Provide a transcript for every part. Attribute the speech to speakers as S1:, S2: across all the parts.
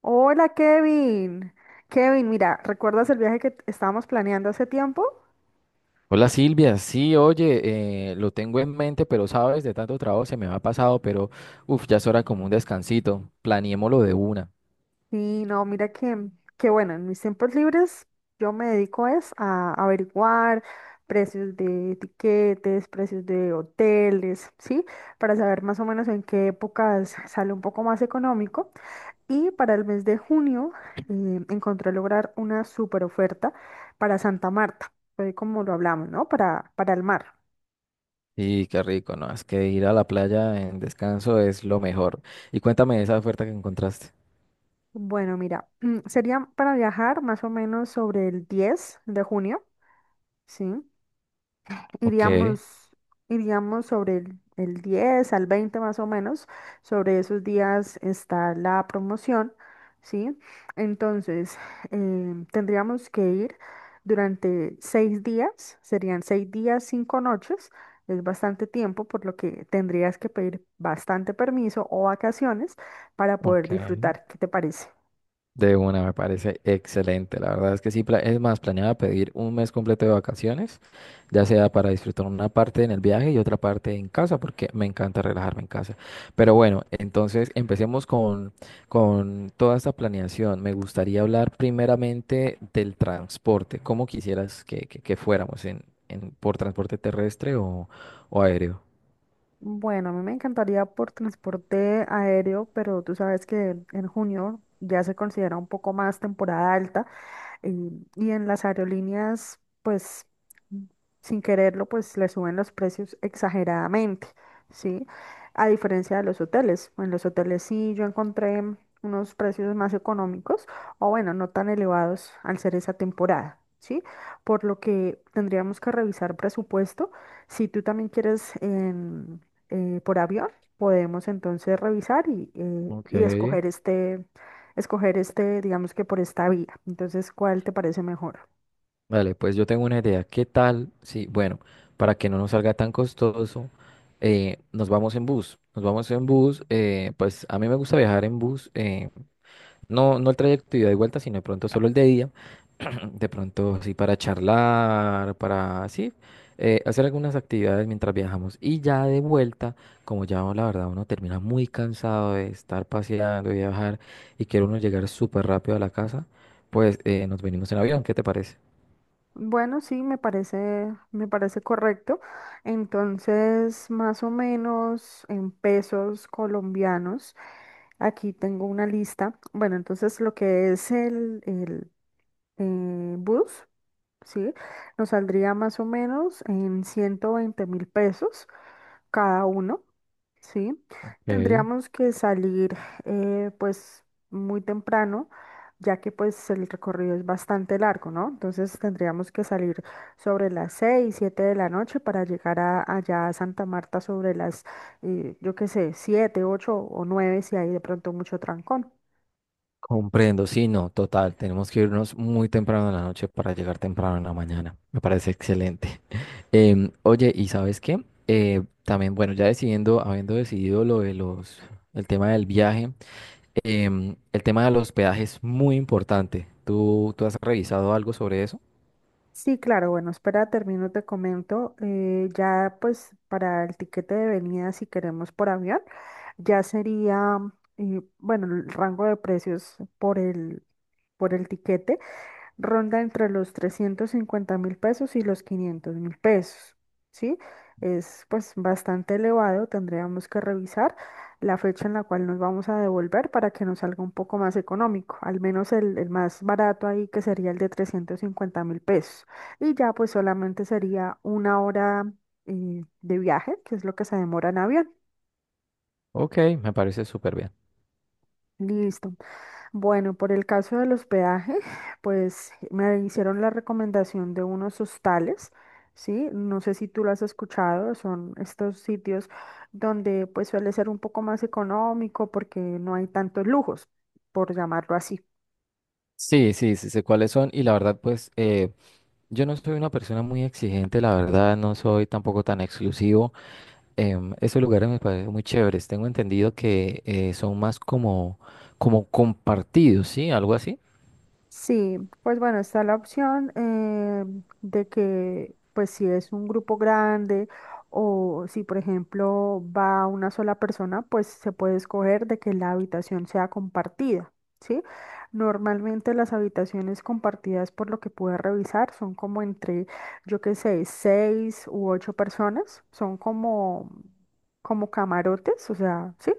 S1: Hola Kevin. Kevin, mira, ¿recuerdas el viaje que estábamos planeando hace tiempo?
S2: Hola Silvia, sí, oye, lo tengo en mente, pero sabes, de tanto trabajo se me ha pasado, pero uff, ya es hora como un descansito, planeémoslo de una.
S1: Sí, no, mira que bueno, en mis tiempos libres yo me dedico es a averiguar precios de tiquetes, precios de hoteles, ¿sí? Para saber más o menos en qué épocas sale un poco más económico. Y para el mes de junio encontré lograr una super oferta para Santa Marta, fue como lo hablamos, ¿no? Para el mar.
S2: Y qué rico, ¿no? Es que ir a la playa en descanso es lo mejor. Y cuéntame esa oferta que encontraste.
S1: Bueno, mira, sería para viajar más o menos sobre el 10 de junio, ¿sí?
S2: Ok,
S1: Iríamos, sobre el 10 al 20 más o menos. Sobre esos días está la promoción, ¿sí? Entonces, tendríamos que ir durante 6 días, serían 6 días, 5 noches. Es bastante tiempo, por lo que tendrías que pedir bastante permiso o vacaciones para poder
S2: ok.
S1: disfrutar. ¿Qué te parece?
S2: De una, me parece excelente. La verdad es que sí, es más, planeaba pedir un mes completo de vacaciones, ya sea para disfrutar una parte en el viaje y otra parte en casa, porque me encanta relajarme en casa. Pero bueno, entonces empecemos con toda esta planeación. Me gustaría hablar primeramente del transporte. ¿Cómo quisieras que fuéramos por transporte terrestre o aéreo?
S1: Bueno, a mí me encantaría por transporte aéreo, pero tú sabes que en junio ya se considera un poco más temporada alta. Eh, y en las aerolíneas, pues, mm, sin quererlo, pues le suben los precios exageradamente, ¿sí? A diferencia de los hoteles. En los hoteles sí yo encontré unos precios más económicos, o bueno, no tan elevados al ser esa temporada, ¿sí? Por lo que tendríamos que revisar presupuesto. Si tú también quieres por avión, podemos entonces revisar
S2: Ok.
S1: y escoger este, digamos que por esta vía. Entonces, ¿cuál te parece mejor?
S2: Vale, pues yo tengo una idea. ¿Qué tal? Sí, bueno, para que no nos salga tan costoso, nos vamos en bus. Nos vamos en bus. Pues a mí me gusta viajar en bus. No el trayecto ida y vuelta, sino de pronto solo el de día. De pronto, sí, para charlar, para, sí, hacer algunas actividades mientras viajamos. Y ya de vuelta, como ya la verdad uno termina muy cansado de estar paseando y viajar y quiere uno llegar súper rápido a la casa, pues nos venimos en avión. ¿Qué te parece?
S1: Bueno, sí, me parece correcto. Entonces, más o menos en pesos colombianos, aquí tengo una lista. Bueno, entonces lo que es el bus, ¿sí? Nos saldría más o menos en 120.000 pesos cada uno. Sí,
S2: Ok.
S1: tendríamos que salir pues muy temprano, ya que pues el recorrido es bastante largo, ¿no? Entonces tendríamos que salir sobre las 6, 7 de la noche para llegar allá a Santa Marta sobre las, yo qué sé, 7, 8 o 9 si hay de pronto mucho trancón.
S2: Comprendo, sí, no, total. Tenemos que irnos muy temprano en la noche para llegar temprano en la mañana. Me parece excelente. Oye, ¿y sabes qué? También, bueno, ya decidiendo, habiendo decidido el tema del viaje, el tema del hospedaje es muy importante. ¿Tú has revisado algo sobre eso?
S1: Sí, claro, bueno, espera, termino, te comento, ya pues para el tiquete de venida si queremos por avión, ya sería... Y bueno, el rango de precios por por el tiquete ronda entre los 350.000 pesos y los 500.000 pesos, ¿sí? Es pues bastante elevado, tendríamos que revisar la fecha en la cual nos vamos a devolver para que nos salga un poco más económico, al menos el más barato ahí que sería el de 350.000 pesos. Y ya pues solamente sería 1 hora de viaje, que es lo que se demora en avión.
S2: Ok, me parece súper bien.
S1: Listo. Bueno, por el caso del hospedaje, pues me hicieron la recomendación de unos hostales, ¿sí? No sé si tú lo has escuchado, son estos sitios donde pues suele ser un poco más económico porque no hay tantos lujos, por llamarlo así.
S2: Sí, sí, sí, sé cuáles son y la verdad, pues yo no soy una persona muy exigente, la verdad, no soy tampoco tan exclusivo. Esos lugares me parecen muy chéveres. Tengo entendido que son más como, como compartidos, ¿sí? Algo así.
S1: Sí, pues bueno, está la opción de que, pues si es un grupo grande o si, por ejemplo, va una sola persona, pues se puede escoger de que la habitación sea compartida, ¿sí? Normalmente las habitaciones compartidas, por lo que pude revisar, son como entre, yo qué sé, 6 u 8 personas, son como camarotes, o sea, ¿sí?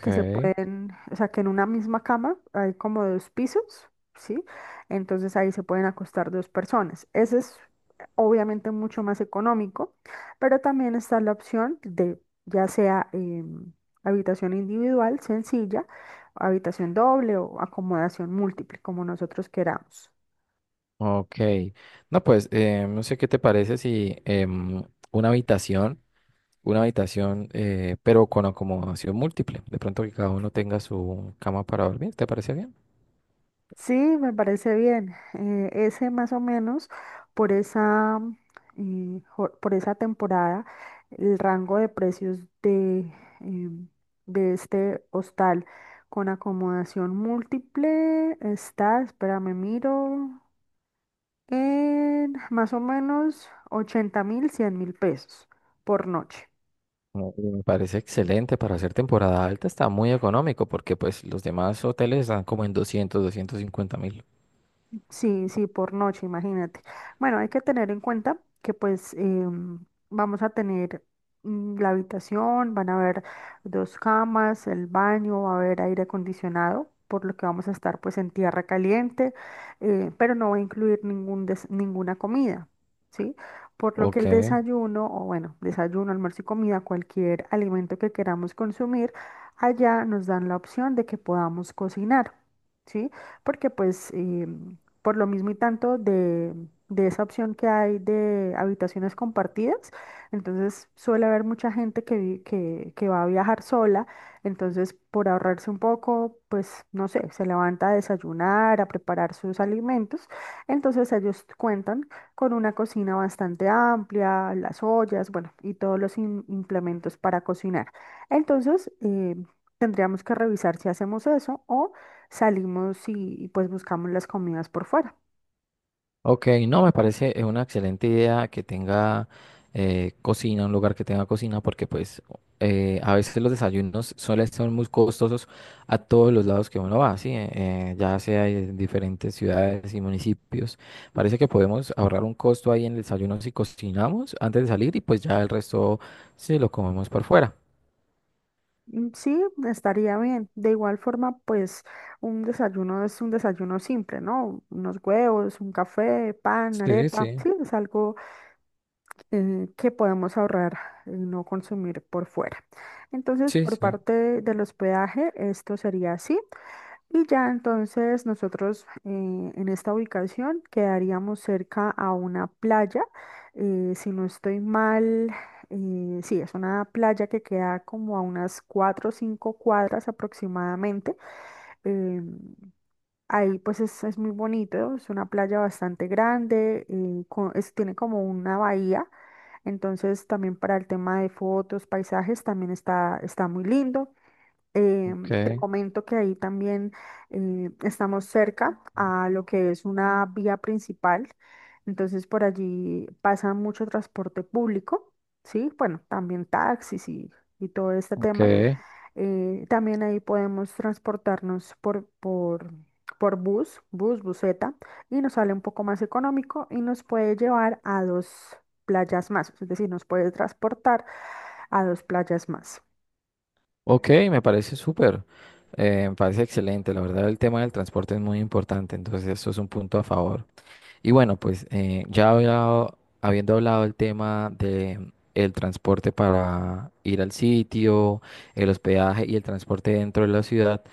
S1: Que se pueden, o sea, que en una misma cama hay como 2 pisos, ¿sí? Entonces ahí se pueden acostar 2 personas. Ese es obviamente mucho más económico, pero también está la opción de ya sea habitación individual, sencilla, habitación doble o acomodación múltiple, como nosotros queramos.
S2: Ok. No, pues no sé qué te parece si em, una habitación, una habitación, pero con acomodación múltiple. De pronto que cada uno tenga su cama para dormir. ¿Te parece bien?
S1: Sí, me parece bien. Ese más o menos por esa, por esa temporada, el rango de precios em, de este hostal con acomodación múltiple está, espérame, miro, en más o menos 80.000, 100.000 pesos por noche.
S2: Mm, me parece excelente para hacer temporada alta, está muy económico porque pues los demás hoteles están como en 200, 250 mil.
S1: Sí, sí, por noche, imagínate. Bueno, hay que tener en cuenta que pues vamos a tener la habitación, van a haber 2 camas, el baño, va a haber aire acondicionado, por lo que vamos a estar pues en tierra caliente, pero no va a incluir ninguna comida, ¿sí? Por lo que
S2: Ok.
S1: el desayuno, o bueno, desayuno, almuerzo y comida, cualquier alimento que queramos consumir, allá nos dan la opción de que podamos cocinar, ¿sí? Porque pues... por lo mismo y tanto de esa opción que hay de habitaciones compartidas. Entonces suele haber mucha gente que que va a viajar sola. Entonces, por ahorrarse un poco, pues no sé, se levanta a desayunar, a preparar sus alimentos. Entonces ellos cuentan con una cocina bastante amplia, las ollas, bueno, y todos los implementos para cocinar. Entonces, tendríamos que revisar si hacemos eso o salimos pues buscamos las comidas por fuera.
S2: Ok, no, me parece una excelente idea que tenga cocina, un lugar que tenga cocina, porque pues a veces los desayunos suelen ser muy costosos a todos los lados que uno va, ¿sí? Ya sea en diferentes ciudades y municipios. Parece que podemos ahorrar un costo ahí en el desayuno si cocinamos antes de salir y pues ya el resto sí lo comemos por fuera.
S1: Mm, sí, estaría bien. De igual forma, pues un desayuno es un desayuno simple, ¿no? Unos huevos, un café, pan,
S2: Sí,
S1: arepa. Sí,
S2: sí.
S1: es algo que podemos ahorrar y no consumir por fuera. Entonces,
S2: Sí,
S1: por
S2: sí.
S1: parte del hospedaje, esto sería así. Y ya entonces nosotros en esta ubicación quedaríamos cerca a una playa. Si no estoy mal, sí, es una playa que queda como a unas 4 o 5 cuadras aproximadamente. eh, Ahí pues es muy bonito, es una playa bastante grande, tiene como una bahía. Entonces también para el tema de fotos, paisajes, también está, está muy lindo. Eh,
S2: Ok,
S1: te comento que ahí también estamos cerca a lo que es una vía principal, entonces por allí pasa mucho transporte público, ¿sí? Bueno, también taxis y todo este
S2: ok.
S1: tema. También ahí podemos transportarnos por bus, buseta, y nos sale un poco más económico y nos puede llevar a 2 playas más, es decir, nos puede transportar a 2 playas más.
S2: Ok, me parece súper, me parece excelente. La verdad, el tema del transporte es muy importante, entonces eso es un punto a favor. Y bueno, pues ya habiendo hablado el tema de el transporte para ir al sitio, el hospedaje y el transporte dentro de la ciudad,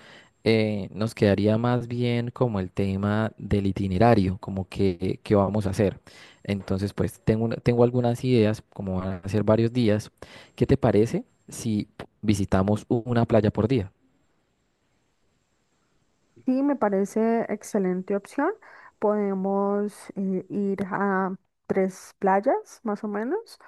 S2: nos quedaría más bien como el tema del itinerario, como que qué vamos a hacer. Entonces, pues tengo algunas ideas, como van a ser varios días. ¿Qué te parece si visitamos una playa por día?
S1: Sí, me parece excelente opción. Podemos ir a 3 playas más o menos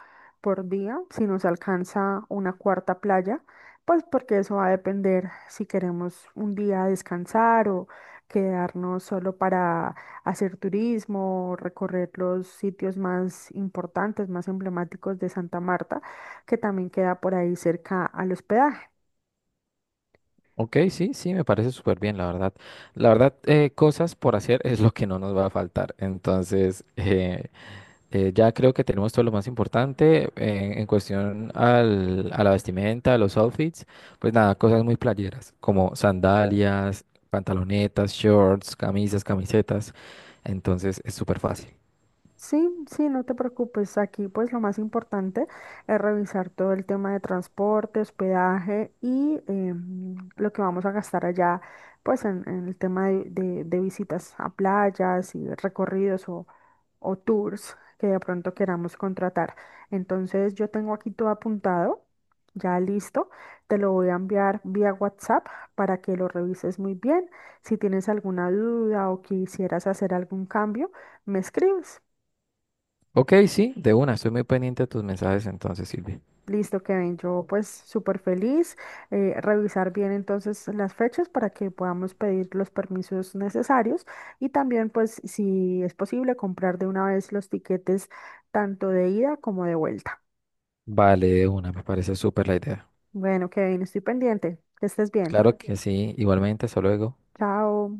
S1: por día, si nos alcanza una cuarta playa, pues porque eso va a depender si queremos un día descansar o quedarnos solo para hacer turismo, recorrer los sitios más importantes, más emblemáticos de Santa Marta, que también queda por ahí cerca al hospedaje.
S2: Ok, sí, sí, me parece súper bien, la verdad. La verdad, cosas por hacer es lo que no nos va a faltar. Entonces, ya creo que tenemos todo lo más importante en cuestión a la vestimenta, a los outfits. Pues nada, cosas muy playeras, como sandalias, pantalonetas, shorts, camisas, camisetas. Entonces, es súper fácil.
S1: Sí, sí, no te preocupes. Aquí pues lo más importante es revisar todo el tema de transporte, hospedaje y lo que vamos a gastar allá pues en el tema de visitas a playas y recorridos o tours que de pronto queramos contratar. Entonces yo tengo aquí todo apuntado, ya listo. Te lo voy a enviar vía WhatsApp para que lo revises muy bien. Si tienes alguna duda o quisieras hacer algún cambio, me escribes.
S2: Ok, sí, de una, estoy muy pendiente de tus mensajes entonces, Silvia.
S1: Listo, Kevin. Yo pues súper feliz. Revisar bien entonces las fechas para que podamos pedir los permisos necesarios y también pues si es posible comprar de una vez los tiquetes tanto de ida como de vuelta.
S2: Vale, de una, me parece súper la idea.
S1: Bueno, Kevin, estoy pendiente. Que estés bien.
S2: Claro que sí, igualmente, hasta luego.
S1: Chao.